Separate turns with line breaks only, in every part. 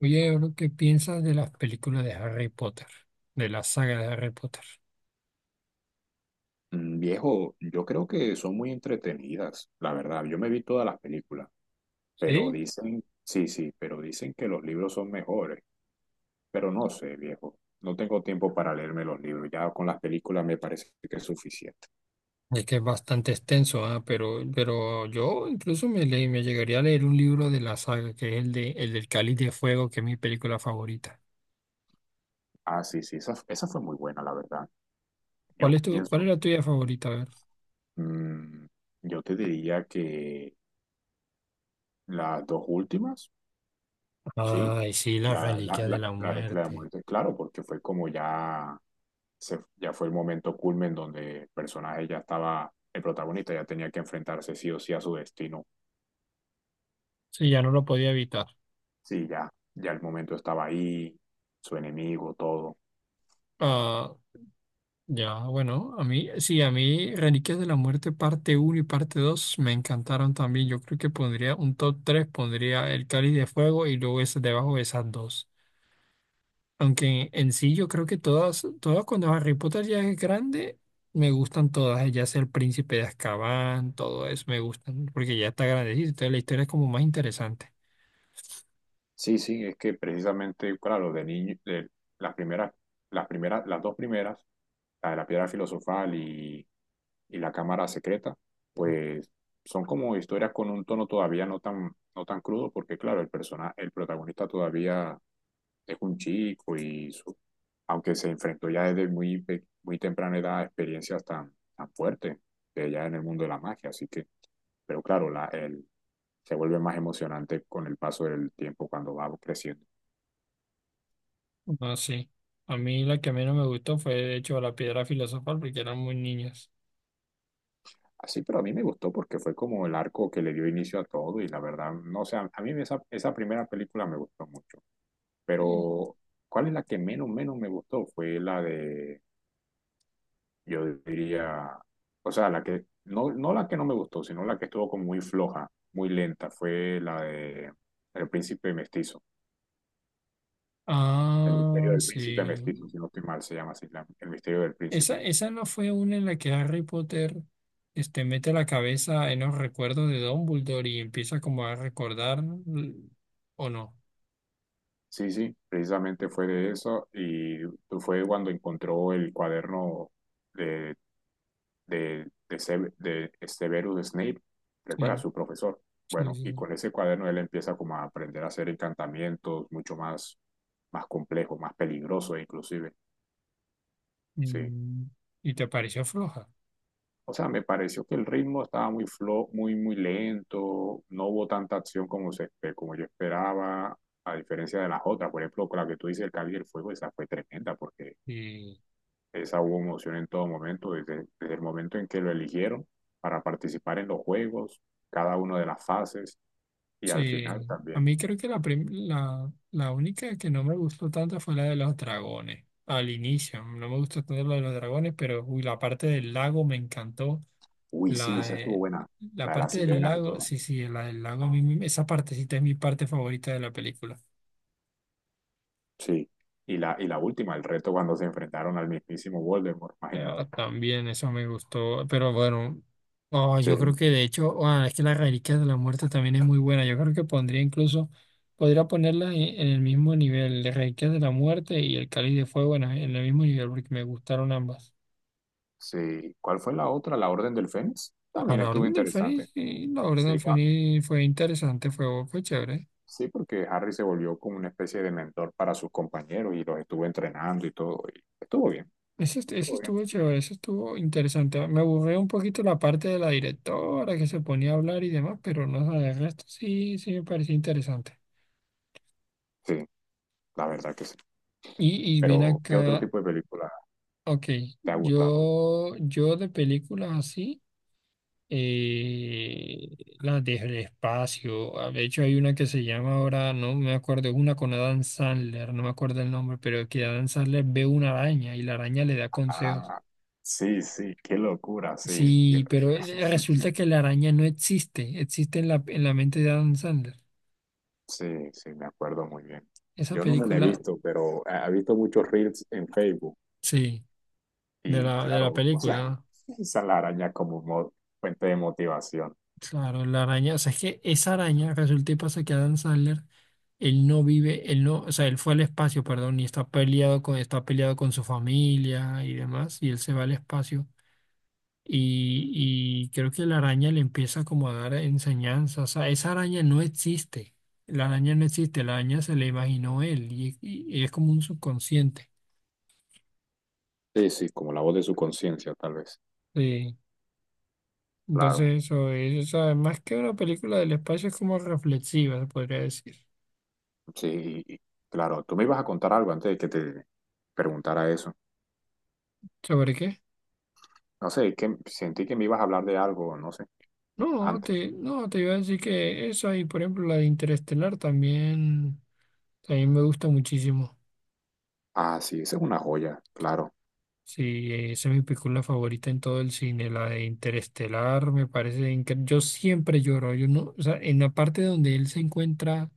Oye, bro, ¿qué piensas de las películas de Harry Potter? De la saga de Harry Potter.
Viejo, yo creo que son muy entretenidas, la verdad. Yo me vi todas las películas, pero
Sí,
dicen, sí, sí, pero dicen que los libros son mejores. Pero no sé, viejo, no tengo tiempo para leerme los libros. Ya con las películas me parece que es suficiente.
es que es bastante extenso, pero yo incluso me llegaría a leer un libro de la saga, que es el del Cáliz de Fuego, que es mi película favorita.
Ah, sí, sí, esa fue muy buena, la verdad. Yo
Cuál es
pienso,
la tuya favorita? A ver.
mm, yo te diría que las dos últimas, sí,
Ay, sí, la
la, la,
Reliquia de
la,
la
la, la de la
Muerte.
muerte, claro, porque fue como ya. Ya fue el momento culmen donde el personaje ya estaba, el protagonista ya tenía que enfrentarse sí o sí a su destino.
Sí, ya no lo podía evitar.
Sí, ya, ya el momento estaba ahí, su enemigo, todo.
Ah. Ya, bueno, a mí Reliquias de la Muerte parte uno y parte 2 me encantaron también. Yo creo que pondría un top 3 pondría El Cáliz de Fuego y luego ese debajo de esas dos. Aunque en sí yo creo que todas cuando Harry Potter ya es grande, me gustan todas, ya sea El Príncipe de Azkaban, todo eso me gustan, porque ya está grandecito, entonces la historia es como más interesante.
Sí, sí, es que precisamente, claro, de niño, de las primeras, las dos primeras, la de la piedra filosofal y la cámara secreta, pues son como historias con un tono todavía no tan, no tan crudo, porque claro, el protagonista todavía es un chico y su aunque se enfrentó ya desde muy temprana edad a experiencias tan, tan fuertes de ella en el mundo de la magia. Así que, pero claro, se vuelve más emocionante con el paso del tiempo cuando va creciendo.
No, sí. A mí la que menos me gustó fue, de hecho, La Piedra Filosofal, porque eran muy niños.
Así, pero a mí me gustó porque fue como el arco que le dio inicio a todo y la verdad, no sé, a mí esa primera película me gustó mucho. Pero, ¿cuál es la que menos me gustó? Fue la de yo diría, o sea, la que, no, no la que no me gustó, sino la que estuvo como muy floja, muy lenta, fue la de El Príncipe Mestizo. El Misterio
Ah,
del Príncipe
sí.
Mestizo, si no estoy mal, se llama así, El Misterio del Príncipe.
Esa no fue una en la que Harry Potter mete la cabeza en los recuerdos de Dumbledore y empieza como a recordar, l- ¿o no?
Sí, sí, precisamente fue de eso y fue cuando encontró el cuaderno de de Severus Snape, recuerda,
Sí,
su profesor.
sí,
Bueno, y
sí.
con ese cuaderno él empieza como a aprender a hacer encantamientos mucho más, más complejos, más peligrosos inclusive.
Sí.
Sí.
¿Y te pareció floja?
O sea, me pareció que el ritmo estaba muy lento, no hubo tanta acción como yo esperaba, a diferencia de las otras. Por ejemplo, con la que tú dices, el Cáliz del Fuego, esa fue tremenda porque
Sí,
esa hubo emoción en todo momento, desde el momento en que lo eligieron para participar en los juegos, cada una de las fases y al final
sí. A
también.
mí creo que la única que no me gustó tanto fue la de los dragones. Al inicio, no me gustó tanto la de los dragones, pero uy, la parte del lago me encantó.
Uy, sí,
La,
esa estuvo
de-
buena,
la
la de las
parte del
sirenas y
lago,
todo.
sí, sí, la del lago, esa partecita es mi parte favorita de la película.
Sí. Y la última, el reto cuando se enfrentaron al mismísimo Voldemort, imagínate.
Ah, también, eso me gustó, pero bueno, oh, yo creo
Sí,
que de hecho, es que las reliquias de la muerte también es muy buena. Yo creo que podría ponerla en el mismo nivel, de reliquias de la muerte y el cáliz de fuego en el mismo nivel, porque me gustaron ambas.
sí. ¿Cuál fue la otra? La Orden del Fénix.
A
También
la
estuvo
Orden del
interesante.
Fénix, sí, la Orden
Sí,
del
va.
Fénix fue interesante, fue chévere.
Sí, porque Harry se volvió como una especie de mentor para sus compañeros y los estuvo entrenando y todo. Y estuvo bien,
Eso
estuvo bien.
estuvo chévere, eso estuvo interesante. Me aburrió un poquito la parte de la directora que se ponía a hablar y demás, pero no sé, el resto sí me pareció interesante.
Sí, la verdad que sí.
Y ven
Pero, ¿qué otro
acá,
tipo de película
ok,
te ha gustado?
yo de películas así, eh, las del espacio, de hecho hay una que se llama ahora, no me acuerdo, es una con Adam Sandler, no me acuerdo el nombre, pero que Adam Sandler ve una araña y la araña le da consejos.
Ah, sí, sí, qué locura, sí. Yo-
Sí, pero resulta que la araña no existe, existe en en la mente de Adam Sandler.
Sí, sí, me acuerdo muy bien.
Esa
Yo no me la he
película,
visto, pero he visto muchos reels en Facebook.
sí,
Y
de la
claro, o sea,
película,
usan la araña como mo- fuente de motivación.
claro, la araña, o sea, es que esa araña resulta y pasa que Adam Sandler, él no vive, él no, o sea, él fue al espacio, perdón, y está peleado con su familia y demás, y él se va al espacio. Y creo que la araña le empieza como a dar enseñanzas. O sea, esa araña no existe. La araña no existe. La araña se la imaginó y es como un subconsciente.
Sí, sí, como la voz de su conciencia, tal vez.
Sí.
Claro,
Entonces eso es, o sea, más que una película del espacio es como reflexiva, se podría decir.
sí, claro. Tú me ibas a contar algo antes de que te preguntara eso.
¿Sobre qué?
No sé, que sentí que me ibas a hablar de algo, no sé,
No,
antes.
no, te iba a decir que esa y por ejemplo la de Interestelar también, también me gusta muchísimo.
Ah, sí, esa es una joya, claro.
Sí, esa es mi película favorita en todo el cine, la de Interestelar, me parece increíble. Yo siempre lloro, yo no, o sea, en la parte donde él se encuentra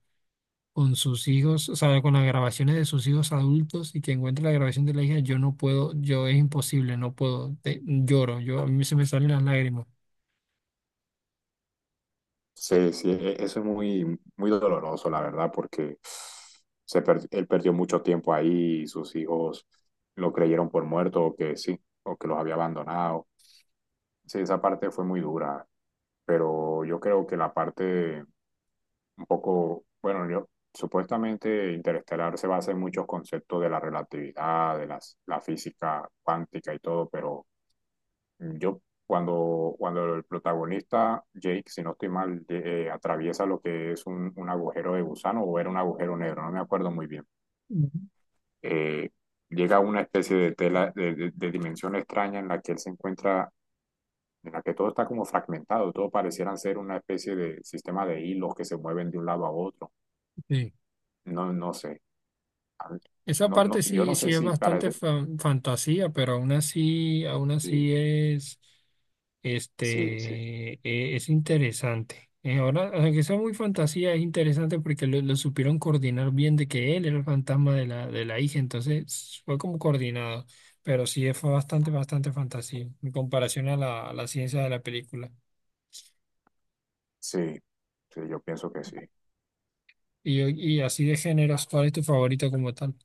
con sus hijos, o sea, con las grabaciones de sus hijos adultos y que encuentra la grabación de la hija, yo es imposible, no puedo, lloro, yo a mí se me salen las lágrimas.
Sí, sí, eso es muy, muy doloroso, la verdad, porque él perdió mucho tiempo ahí, y sus hijos lo creyeron por muerto o que sí, o que los había abandonado. Sí, esa parte fue muy dura, pero yo creo que la parte un poco, bueno, yo supuestamente Interestelar se basa en muchos conceptos de la relatividad, de la física cuántica y todo, pero... Yo, cuando el protagonista, Jake, si no estoy mal, atraviesa lo que es un agujero de gusano o era un agujero negro, no me acuerdo muy bien.
Mm,
eh, Llega a una especie de tela, de dimensión extraña en la que él se encuentra, en la que todo está como fragmentado, todo parecieran ser una especie de sistema de hilos que se mueven de un lado a otro.
sí.
No, no sé. A mí-
Esa
No, no,
parte
yo
sí,
no
sí
sé
es
si parece.
fantasía, pero aún
Sí,
así es,
sí, sí,
es interesante. Ahora, aunque sea muy fantasía, es interesante porque lo supieron coordinar bien de que él era el fantasma de de la hija, entonces fue como coordinado, pero sí fue bastante fantasía en comparación a a la ciencia de la película.
sí, sí, yo pienso que sí.
Y, y así de géneros, ¿cuál es tu favorito como tal?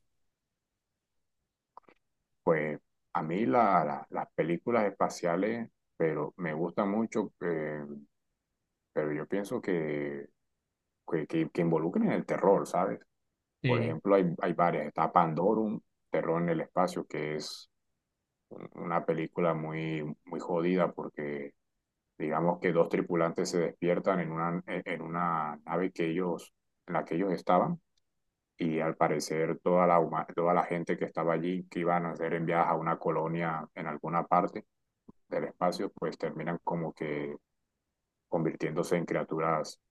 Pues a mí las películas espaciales, pero me gustan mucho, pero yo pienso que que involucren el terror, ¿sabes? Por
Sí,
ejemplo, hay varias. Está Pandorum, Terror en el Espacio, que es una película muy, muy jodida porque digamos que dos tripulantes se despiertan en una, en una nave que ellos, en la que ellos estaban. Y al parecer toda toda la gente que estaba allí, que iban a ser enviadas a una colonia en alguna parte, del espacio, pues terminan como que convirtiéndose en criaturas,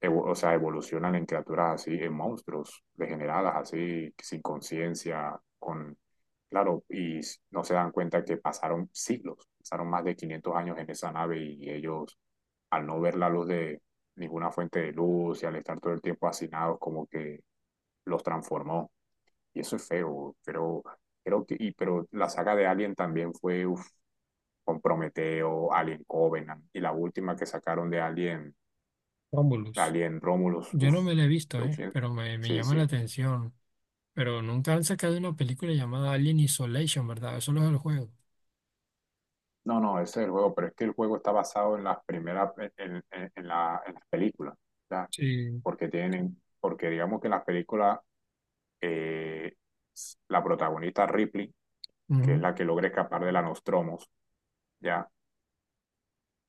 o sea, evolucionan en criaturas así, en monstruos degeneradas, así, sin conciencia, con, claro, y no se dan cuenta que pasaron siglos, pasaron más de 500 años en esa nave y ellos, al no ver la luz de ninguna fuente de luz y al estar todo el tiempo hacinados, como que los transformó. Y eso es feo, pero creo que, pero la saga de Alien también fue, uf, con Prometeo, Alien Covenant y la última que sacaron de Alien,
Romulus.
Alien Romulus.
Yo
Uf,
no me lo he visto,
creo que-
pero me
Sí,
llama la
sí.
atención. Pero nunca han sacado una película llamada Alien Isolation, ¿verdad? Eso no es el juego.
No, no, ese es el juego, pero es que el juego está basado en las primeras, en las películas, ¿ya?
Sí.
Porque tienen, porque digamos que en las películas, eh, la protagonista Ripley, que es
Ujú.
la que logra escapar de la Nostromos, ¿ya?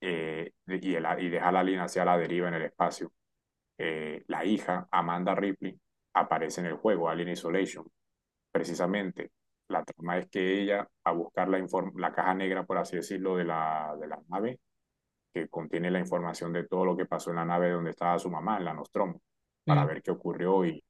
Y deja la alien hacia la deriva en el espacio. La hija, Amanda Ripley, aparece en el juego, Alien Isolation. Precisamente, la trama es que ella, a buscar la caja negra, por así decirlo, de de la nave, que contiene la información de todo lo que pasó en la nave donde estaba su mamá, en la Nostromo, para
Sí.
ver qué ocurrió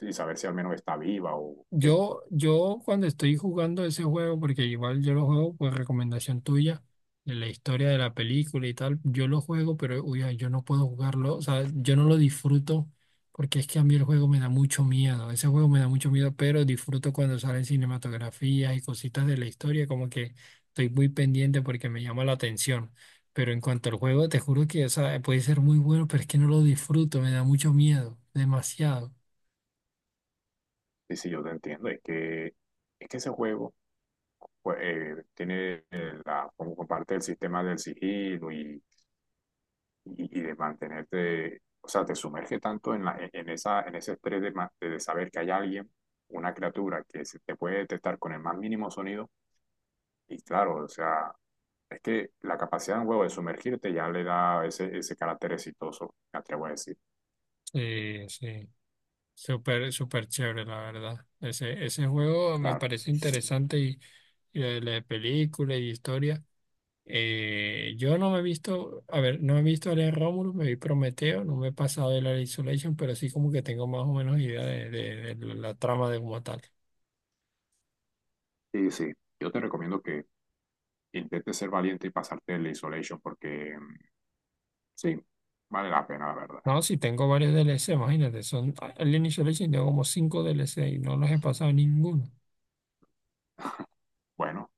y saber si al menos está viva o qué.
Yo cuando estoy jugando ese juego, porque igual yo lo juego por recomendación tuya, de la historia de la película y tal, yo lo juego, pero uy, ay, yo no puedo jugarlo, o sea, yo no lo disfruto porque es que a mí el juego me da mucho miedo, ese juego me da mucho miedo, pero disfruto cuando salen cinematografías y cositas de la historia, como que estoy muy pendiente porque me llama la atención. Pero en cuanto al juego, te juro que, o sea, puede ser muy bueno, pero es que no lo disfruto, me da mucho miedo, demasiado.
Sí, sí, yo te entiendo. Es que ese juego pues, tiene la, como parte del sistema del sigilo y de mantenerte, o sea, te sumerge tanto en, la, e, en, esa, en ese estrés de, de saber que hay alguien, una criatura que se te puede detectar con el más mínimo sonido. Y claro, o sea, es que la capacidad de un huevo de sumergirte ya le da ese carácter exitoso, me atrevo a decir.
Sí, sí. Súper, súper chévere, la verdad. Ese juego me
Claro.
parece interesante y lo de la de película y historia. Yo no me he visto, a ver, no he visto Alien Romulus, me vi Prometeo, no me he pasado de la Isolation, pero sí como que tengo más o menos idea de, de la trama de como tal.
Sí, sí. Yo te recomiendo que intentes ser valiente y pasarte el isolation porque sí, vale la pena, la verdad.
No, sí tengo varios DLC imagínate, son Alien Isolation, tengo como cinco DLC y no los he pasado ninguno.
Bueno,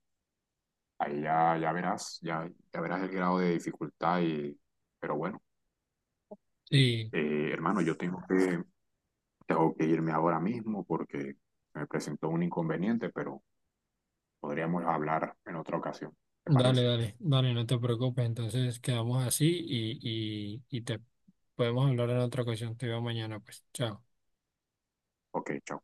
ahí ya, ya verás el grado de dificultad y, pero bueno.
Sí.
Hermano, yo tengo que irme ahora mismo porque me presentó un inconveniente, pero podríamos hablar en otra ocasión. ¿Te
Dale,
parece?
dale, dale, no te preocupes. Entonces quedamos así y te podemos hablar en otra ocasión. Te veo mañana, pues. Chao.
Ok, chao.